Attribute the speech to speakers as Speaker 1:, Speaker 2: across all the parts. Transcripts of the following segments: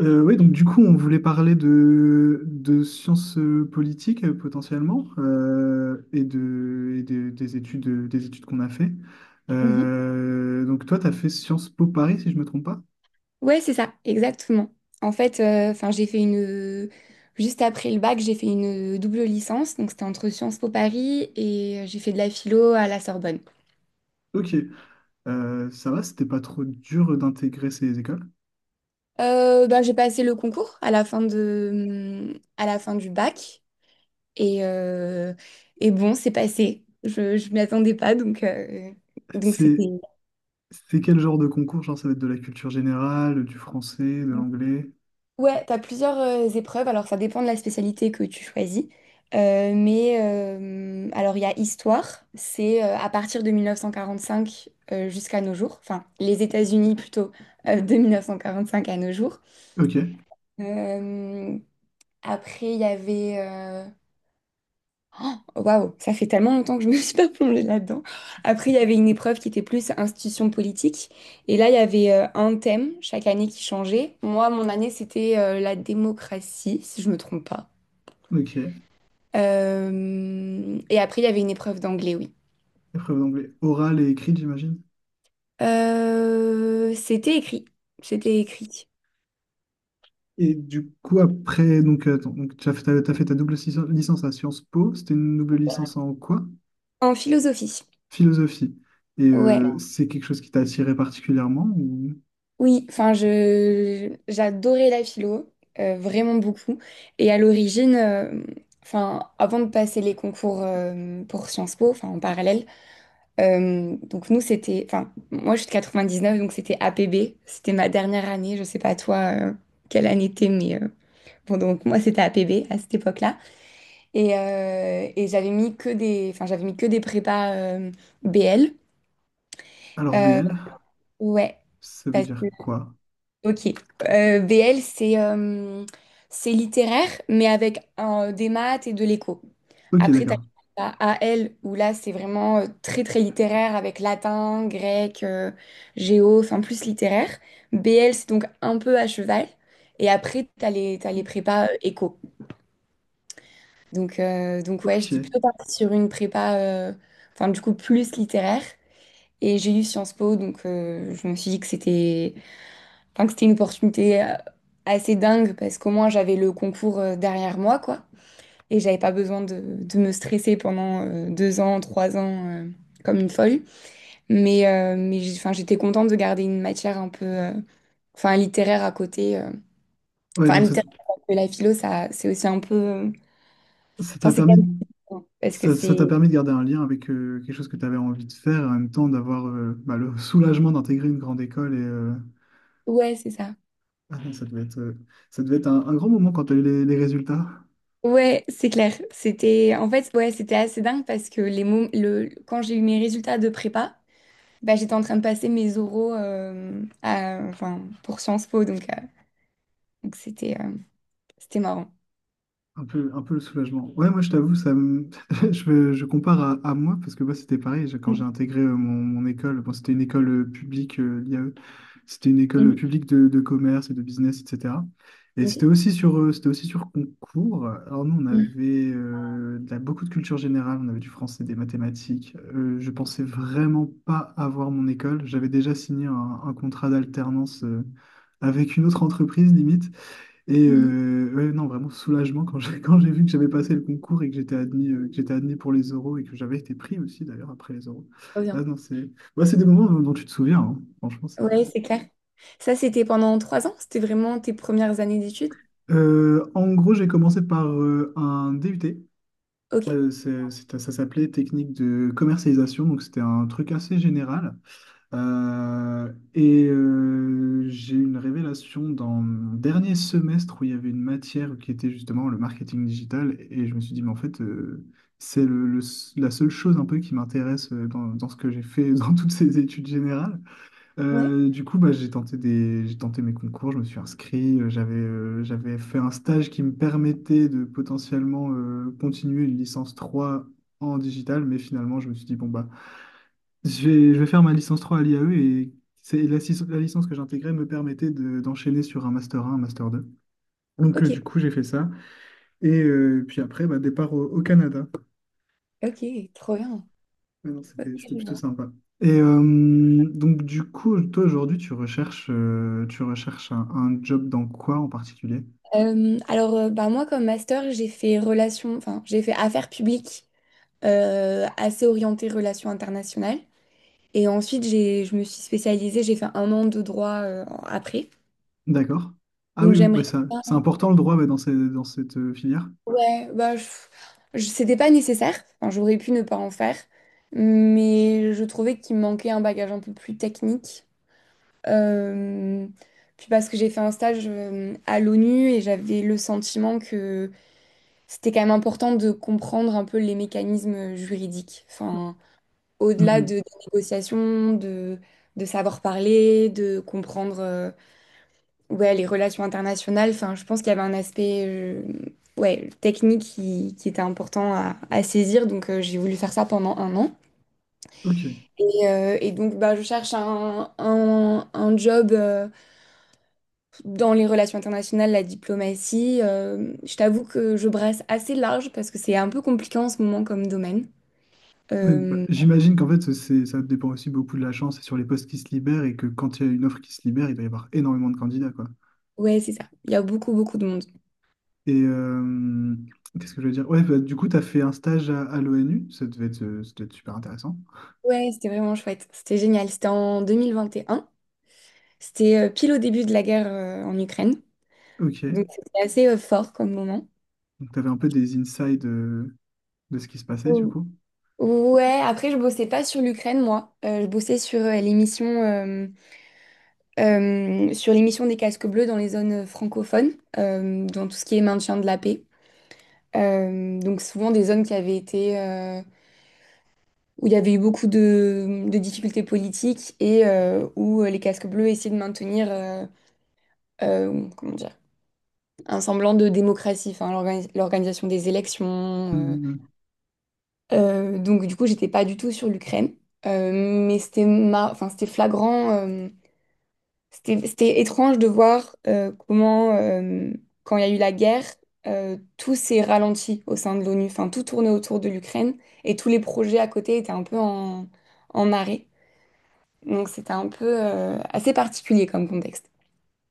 Speaker 1: Oui, donc du coup, on voulait parler de sciences politiques, potentiellement, et des études qu'on a fait.
Speaker 2: Mhm.
Speaker 1: Donc toi, tu as fait Sciences Po Paris, si je me trompe pas.
Speaker 2: Ouais, c'est ça, exactement. En fait, enfin, j'ai fait une juste après le bac, j'ai fait une double licence, donc c'était entre Sciences Po Paris et j'ai fait de la philo à la Sorbonne.
Speaker 1: Ok. Ça va, c'était pas trop dur d'intégrer ces écoles.
Speaker 2: Ben, j'ai passé le concours à la fin du bac et, euh, et bon, c'est passé. Je m'y attendais pas, donc, donc
Speaker 1: C'est
Speaker 2: c'était.
Speaker 1: c'est quel genre de concours? Genre, ça va être de la culture générale, du français, de l'anglais.
Speaker 2: Ouais, t'as plusieurs épreuves, alors ça dépend de la spécialité que tu choisis. Mais alors il y a histoire, c'est à partir de 1945 jusqu'à nos jours, enfin les États-Unis plutôt, de 1945 à nos jours.
Speaker 1: Ok,
Speaker 2: Euh, après il y avait Waouh, ça fait tellement longtemps que je me suis pas plongée là-dedans. Après, il y avait une épreuve qui était plus institution politique. Et là, il y avait un thème chaque année qui changeait. Moi, mon année, c'était la démocratie, si je me trompe pas.
Speaker 1: ok.
Speaker 2: Et après, il y avait une épreuve d'anglais, oui.
Speaker 1: Épreuve d'anglais orale et écrite, j'imagine.
Speaker 2: C'était écrit. C'était écrit.
Speaker 1: Et du coup, après, donc, attends, donc tu as fait, t'as fait ta licence à Sciences Po. C'était une double licence en quoi?
Speaker 2: En philosophie.
Speaker 1: Philosophie. Et
Speaker 2: Ouais.
Speaker 1: c'est quelque chose qui t'a attiré particulièrement ou
Speaker 2: Oui, enfin, je j'adorais la philo, vraiment beaucoup. Et à l'origine, enfin, avant de passer les concours pour Sciences Po, enfin en parallèle, donc nous c'était, enfin, moi je suis de 99, donc c'était APB, c'était ma dernière année. Je sais pas toi quelle année t'es, mais bon donc moi c'était APB à cette époque-là. Et j'avais mis que des, enfin j'avais mis que des prépas BL.
Speaker 1: Alors,
Speaker 2: Euh,
Speaker 1: BL,
Speaker 2: ouais.
Speaker 1: ça veut dire quoi?
Speaker 2: Ok. BL, c'est c'est littéraire, mais avec des maths et de l'éco.
Speaker 1: Ok,
Speaker 2: Après, tu
Speaker 1: d'accord.
Speaker 2: as AL, où là, c'est vraiment très, très littéraire, avec latin, grec, géo, enfin plus littéraire. BL, c'est donc un peu à cheval. Et après, t'as les prépas éco. Donc ouais, j'étais
Speaker 1: Ok.
Speaker 2: plutôt partie sur une prépa, enfin du coup, plus littéraire. Et j'ai eu Sciences Po, donc je me suis dit que c'était une opportunité assez dingue parce qu'au moins j'avais le concours derrière moi, quoi. Et j'avais pas besoin de me stresser pendant 2 ans, 3 ans, comme une folle. Mais enfin, j'étais contente de garder une matière un peu, enfin, littéraire à côté.
Speaker 1: Ouais,
Speaker 2: Enfin,
Speaker 1: donc ça
Speaker 2: littéraire, parce que la philo, ça, c'est aussi un peu,
Speaker 1: ça
Speaker 2: enfin,
Speaker 1: t'a
Speaker 2: c'est
Speaker 1: permis.
Speaker 2: quand même différent, parce que
Speaker 1: Ça t'a
Speaker 2: c'est.
Speaker 1: permis de garder un lien avec quelque chose que tu avais envie de faire et en même temps d'avoir bah, le soulagement d'intégrer une grande école et
Speaker 2: Ouais, c'est ça.
Speaker 1: ça devait être, ça devait être un grand moment quand tu as eu les résultats.
Speaker 2: Ouais, c'est clair. C'était en fait, ouais, c'était assez dingue parce que les mots, le quand j'ai eu mes résultats de prépa, bah, j'étais en train de passer mes oraux enfin, pour Sciences Po, donc c'était c'était marrant.
Speaker 1: Un peu le soulagement. Ouais, moi je t'avoue, je compare à moi parce que moi c'était pareil. Quand j'ai
Speaker 2: Mhm.
Speaker 1: intégré mon, mon école, bon, c'était une école publique, l'IAE, c'était une école
Speaker 2: Mhm.
Speaker 1: publique de commerce et de business, etc. Et c'était
Speaker 2: Ok.
Speaker 1: aussi c'était aussi sur concours. Alors nous, on
Speaker 2: Mhm.
Speaker 1: avait beaucoup de culture générale, on avait du français, des mathématiques. Je pensais vraiment pas avoir mon école. J'avais déjà signé un contrat d'alternance avec une autre entreprise, limite. Et
Speaker 2: Mhm.
Speaker 1: ouais, non, vraiment soulagement quand j'ai quand j'ai vu que j'avais passé le concours et que j'étais admis pour les euros et que j'avais été pris aussi d'ailleurs après les euros.
Speaker 2: Trop
Speaker 1: Ah
Speaker 2: bien.
Speaker 1: non, c'est bah, c'est des moments dont, dont tu te souviens, hein. Franchement.
Speaker 2: Ouais, c'est clair. Ça, c'était pendant 3 ans? C'était vraiment tes premières années d'études?
Speaker 1: En gros, j'ai commencé par un DUT.
Speaker 2: Ok.
Speaker 1: Ça s'appelait technique de commercialisation, donc c'était un truc assez général. J'ai eu une révélation dans mon dernier semestre où il y avait une matière qui était justement le marketing digital. Et je me suis dit, mais en fait, c'est le la seule chose un peu qui m'intéresse dans, dans ce que j'ai fait dans toutes ces études générales.
Speaker 2: Ouais.
Speaker 1: Du coup, bah, j'ai tenté mes concours, je me suis inscrit, j'avais fait un stage qui me permettait de potentiellement continuer une licence 3 en digital. Mais finalement, je me suis dit, bon, bah, je vais faire ma licence 3 à l'IAE et c'est la licence que j'intégrais me permettait d'enchaîner sur un master 1, un master deux. Donc
Speaker 2: Ok,
Speaker 1: du coup, j'ai fait ça. Et puis après, bah, départ au Canada.
Speaker 2: ok, trop bien.
Speaker 1: Ouais, non,
Speaker 2: Ok,
Speaker 1: c'était
Speaker 2: je
Speaker 1: plutôt
Speaker 2: vois.
Speaker 1: sympa. Et donc du coup, toi aujourd'hui, tu recherches un job dans quoi en particulier?
Speaker 2: Alors, bah, moi, comme master, enfin, j'ai fait affaires publiques, assez orientées relations internationales. Et ensuite, je me suis spécialisée, j'ai fait un an de droit, après.
Speaker 1: D'accord. Ah
Speaker 2: Donc,
Speaker 1: oui, oui, bah
Speaker 2: j'aimerais
Speaker 1: ça, c'est important le droit ouais, dans cette filière.
Speaker 2: ouais, bah, c'était pas nécessaire. Enfin, j'aurais pu ne pas en faire. Mais je trouvais qu'il me manquait un bagage un peu plus technique. Euh, Puis parce que j'ai fait un stage à l'ONU et j'avais le sentiment que c'était quand même important de comprendre un peu les mécanismes juridiques. Enfin, au-delà
Speaker 1: Mhm.
Speaker 2: des négociations, de savoir parler, de comprendre, ouais, les relations internationales, enfin, je pense qu'il y avait un aspect ouais, technique qui était important à saisir, donc j'ai voulu faire ça pendant un an.
Speaker 1: Ok.
Speaker 2: Et donc, bah, je cherche un job dans les relations internationales, la diplomatie. Je t'avoue que je brasse assez large parce que c'est un peu compliqué en ce moment comme domaine.
Speaker 1: Ouais, bah,
Speaker 2: Euh,
Speaker 1: j'imagine qu'en fait, c'est, ça dépend aussi beaucoup de la chance et sur les postes qui se libèrent et que quand il y a une offre qui se libère, il doit y avoir énormément de candidats, quoi.
Speaker 2: ouais, c'est ça. Il y a beaucoup, beaucoup de monde.
Speaker 1: Et qu'est-ce que je veux dire? Ouais, bah, du coup, tu as fait un stage à l'ONU, ça devait être, ça devait être super intéressant.
Speaker 2: Ouais, c'était vraiment chouette. C'était génial. C'était en 2021. C'était pile au début de la guerre en Ukraine.
Speaker 1: Ok.
Speaker 2: Donc c'était assez fort comme moment.
Speaker 1: Donc, tu avais un peu des insights de ce qui se passait, du
Speaker 2: Mm.
Speaker 1: coup.
Speaker 2: Ouais, après je bossais pas sur l'Ukraine moi. Je bossais sur l'émission des casques bleus dans les zones francophones, dans tout ce qui est maintien de la paix. Donc souvent des zones qui avaient été, où il y avait eu beaucoup de difficultés politiques et où les casques bleus essayaient de maintenir, comment dire, un semblant de démocratie, enfin l'organisation des élections.
Speaker 1: Oui.
Speaker 2: Donc du coup, j'étais pas du tout sur l'Ukraine. Mais enfin, c'était flagrant, c'était étrange de voir comment, quand il y a eu la guerre, tout s'est ralenti au sein de l'ONU, enfin tout tournait autour de l'Ukraine et tous les projets à côté étaient un peu en arrêt. Donc c'était un peu assez particulier comme contexte.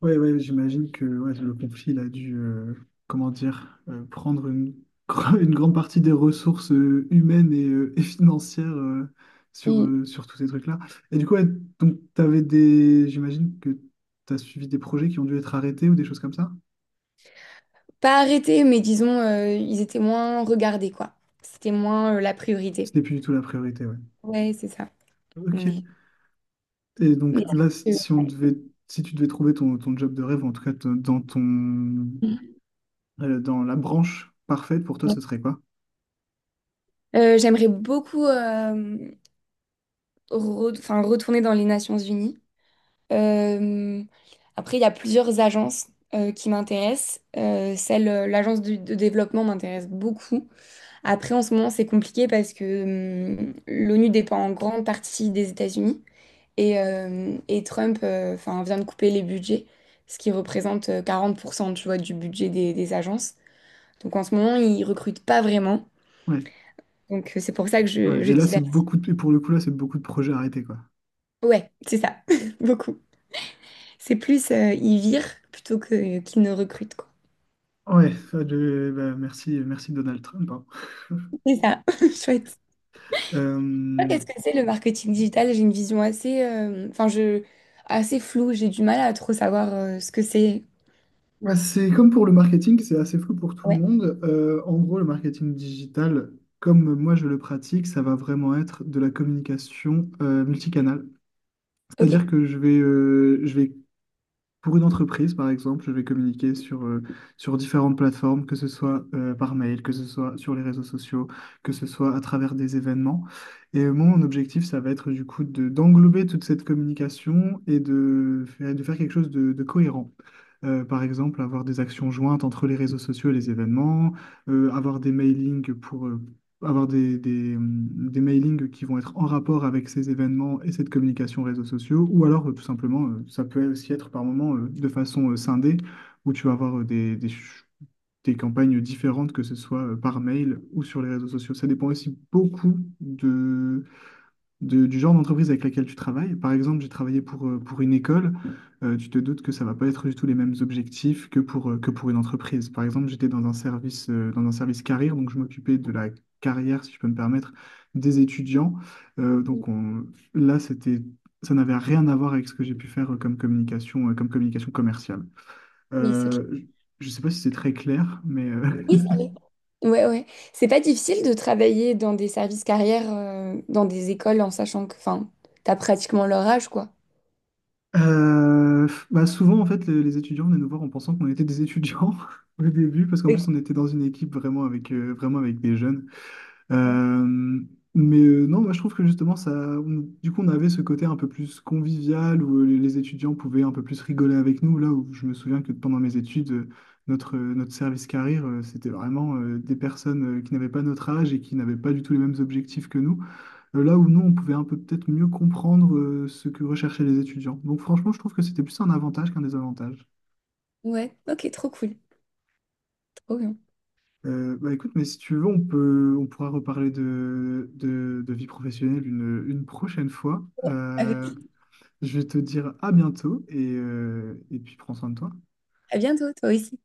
Speaker 1: Ouais, ouais, j'imagine que ouais, le conflit il a dû, comment dire, prendre une, une grande partie des ressources humaines et et financières
Speaker 2: Mm.
Speaker 1: sur tous ces trucs-là. Et du coup, ouais, donc, j'imagine que tu as suivi des projets qui ont dû être arrêtés ou des choses comme ça?
Speaker 2: Pas arrêté, mais disons, ils étaient moins regardés, quoi. C'était moins la priorité.
Speaker 1: C'était plus du tout la priorité, ouais.
Speaker 2: Ouais, c'est ça.
Speaker 1: Ok.
Speaker 2: Mais,
Speaker 1: Et donc
Speaker 2: mais
Speaker 1: là,
Speaker 2: c'est
Speaker 1: si on si tu devais trouver ton, ton job de rêve, en tout cas dans ton, dans la branche parfaite pour toi,
Speaker 2: ouais.
Speaker 1: ce serait quoi?
Speaker 2: J'aimerais beaucoup enfin, retourner dans les Nations Unies. Euh, Après, il y a plusieurs agences qui m'intéressent. L'agence développement m'intéresse beaucoup. Après, en ce moment, c'est compliqué parce que l'ONU dépend en grande partie des États-Unis et Trump enfin, vient de couper les budgets, ce qui représente 40% tu vois, du budget des agences. Donc en ce moment, ils recrutent pas vraiment.
Speaker 1: Ouais.
Speaker 2: Donc c'est pour ça que je,
Speaker 1: Ouais.
Speaker 2: je
Speaker 1: Et là, c'est
Speaker 2: diversifie.
Speaker 1: beaucoup de, et pour le coup, là, c'est beaucoup de projets arrêtés, quoi.
Speaker 2: Ouais, c'est ça, beaucoup. C'est plus ils virent plutôt que qu'ils ne recrutent, quoi.
Speaker 1: Ouais, ça, bah, merci, merci Donald Trump. Hein.
Speaker 2: C'est ça, chouette. Toi,
Speaker 1: Euh,
Speaker 2: qu'est-ce que c'est le marketing digital? J'ai une vision enfin, assez floue. J'ai du mal à trop savoir ce que c'est.
Speaker 1: Bah, c'est comme pour le marketing, c'est assez flou pour tout le
Speaker 2: Ouais,
Speaker 1: monde. En gros, le marketing digital, comme moi je le pratique, ça va vraiment être de la communication multicanale. C'est-à-dire
Speaker 2: ok.
Speaker 1: que je vais pour une entreprise, par exemple, je vais communiquer sur différentes plateformes, que ce soit par mail, que ce soit sur les réseaux sociaux, que ce soit à travers des événements. Et mon objectif, ça va être du coup de, d'englober toute cette communication et de faire quelque chose de cohérent. Par exemple, avoir des actions jointes entre les réseaux sociaux et les événements, avoir des mailings pour, avoir des mailings qui vont être en rapport avec ces événements et cette communication réseaux sociaux, ou alors tout simplement, ça peut aussi être par moment de façon scindée, où tu vas avoir des campagnes différentes, que ce soit par mail ou sur les réseaux sociaux. Ça dépend aussi beaucoup du genre d'entreprise avec laquelle tu travailles. Par exemple, j'ai travaillé pour une école. Tu te doutes que ça va pas être du tout les mêmes objectifs que que pour une entreprise. Par exemple, j'étais dans un service carrière, donc je m'occupais de la carrière, si je peux me permettre, des étudiants. Euh,
Speaker 2: Oui,
Speaker 1: donc on- Là, ça n'avait rien à voir avec ce que j'ai pu faire comme communication commerciale.
Speaker 2: oui, c'est clair.
Speaker 1: Euh, je ne sais pas si c'est très clair, mais euh,
Speaker 2: Oui, ça l'est. Ouais, ouais. C'est pas difficile de travailler dans des services carrières, dans des écoles, en sachant que, enfin, t'as pratiquement leur âge, quoi.
Speaker 1: Euh, bah souvent, en fait, les étudiants venaient nous voir en pensant qu'on était des étudiants au début, parce qu'en plus, on
Speaker 2: Ok.
Speaker 1: était dans une équipe vraiment vraiment avec des jeunes. Euh, mais non, moi, je trouve que justement, ça, du coup, on avait ce côté un peu plus convivial où les étudiants pouvaient un peu plus rigoler avec nous. Là où je me souviens que pendant mes études, notre service carrière, c'était vraiment des personnes qui n'avaient pas notre âge et qui n'avaient pas du tout les mêmes objectifs que nous là où nous, on pouvait un peu peut-être mieux comprendre ce que recherchaient les étudiants. Donc franchement, je trouve que c'était plus un avantage qu'un désavantage.
Speaker 2: Ouais, ok, trop cool, trop bien.
Speaker 1: Bah écoute, mais si tu veux, on pourra reparler de vie professionnelle une prochaine fois. Je vais te dire à bientôt et et puis prends soin de toi.
Speaker 2: À bientôt, toi aussi.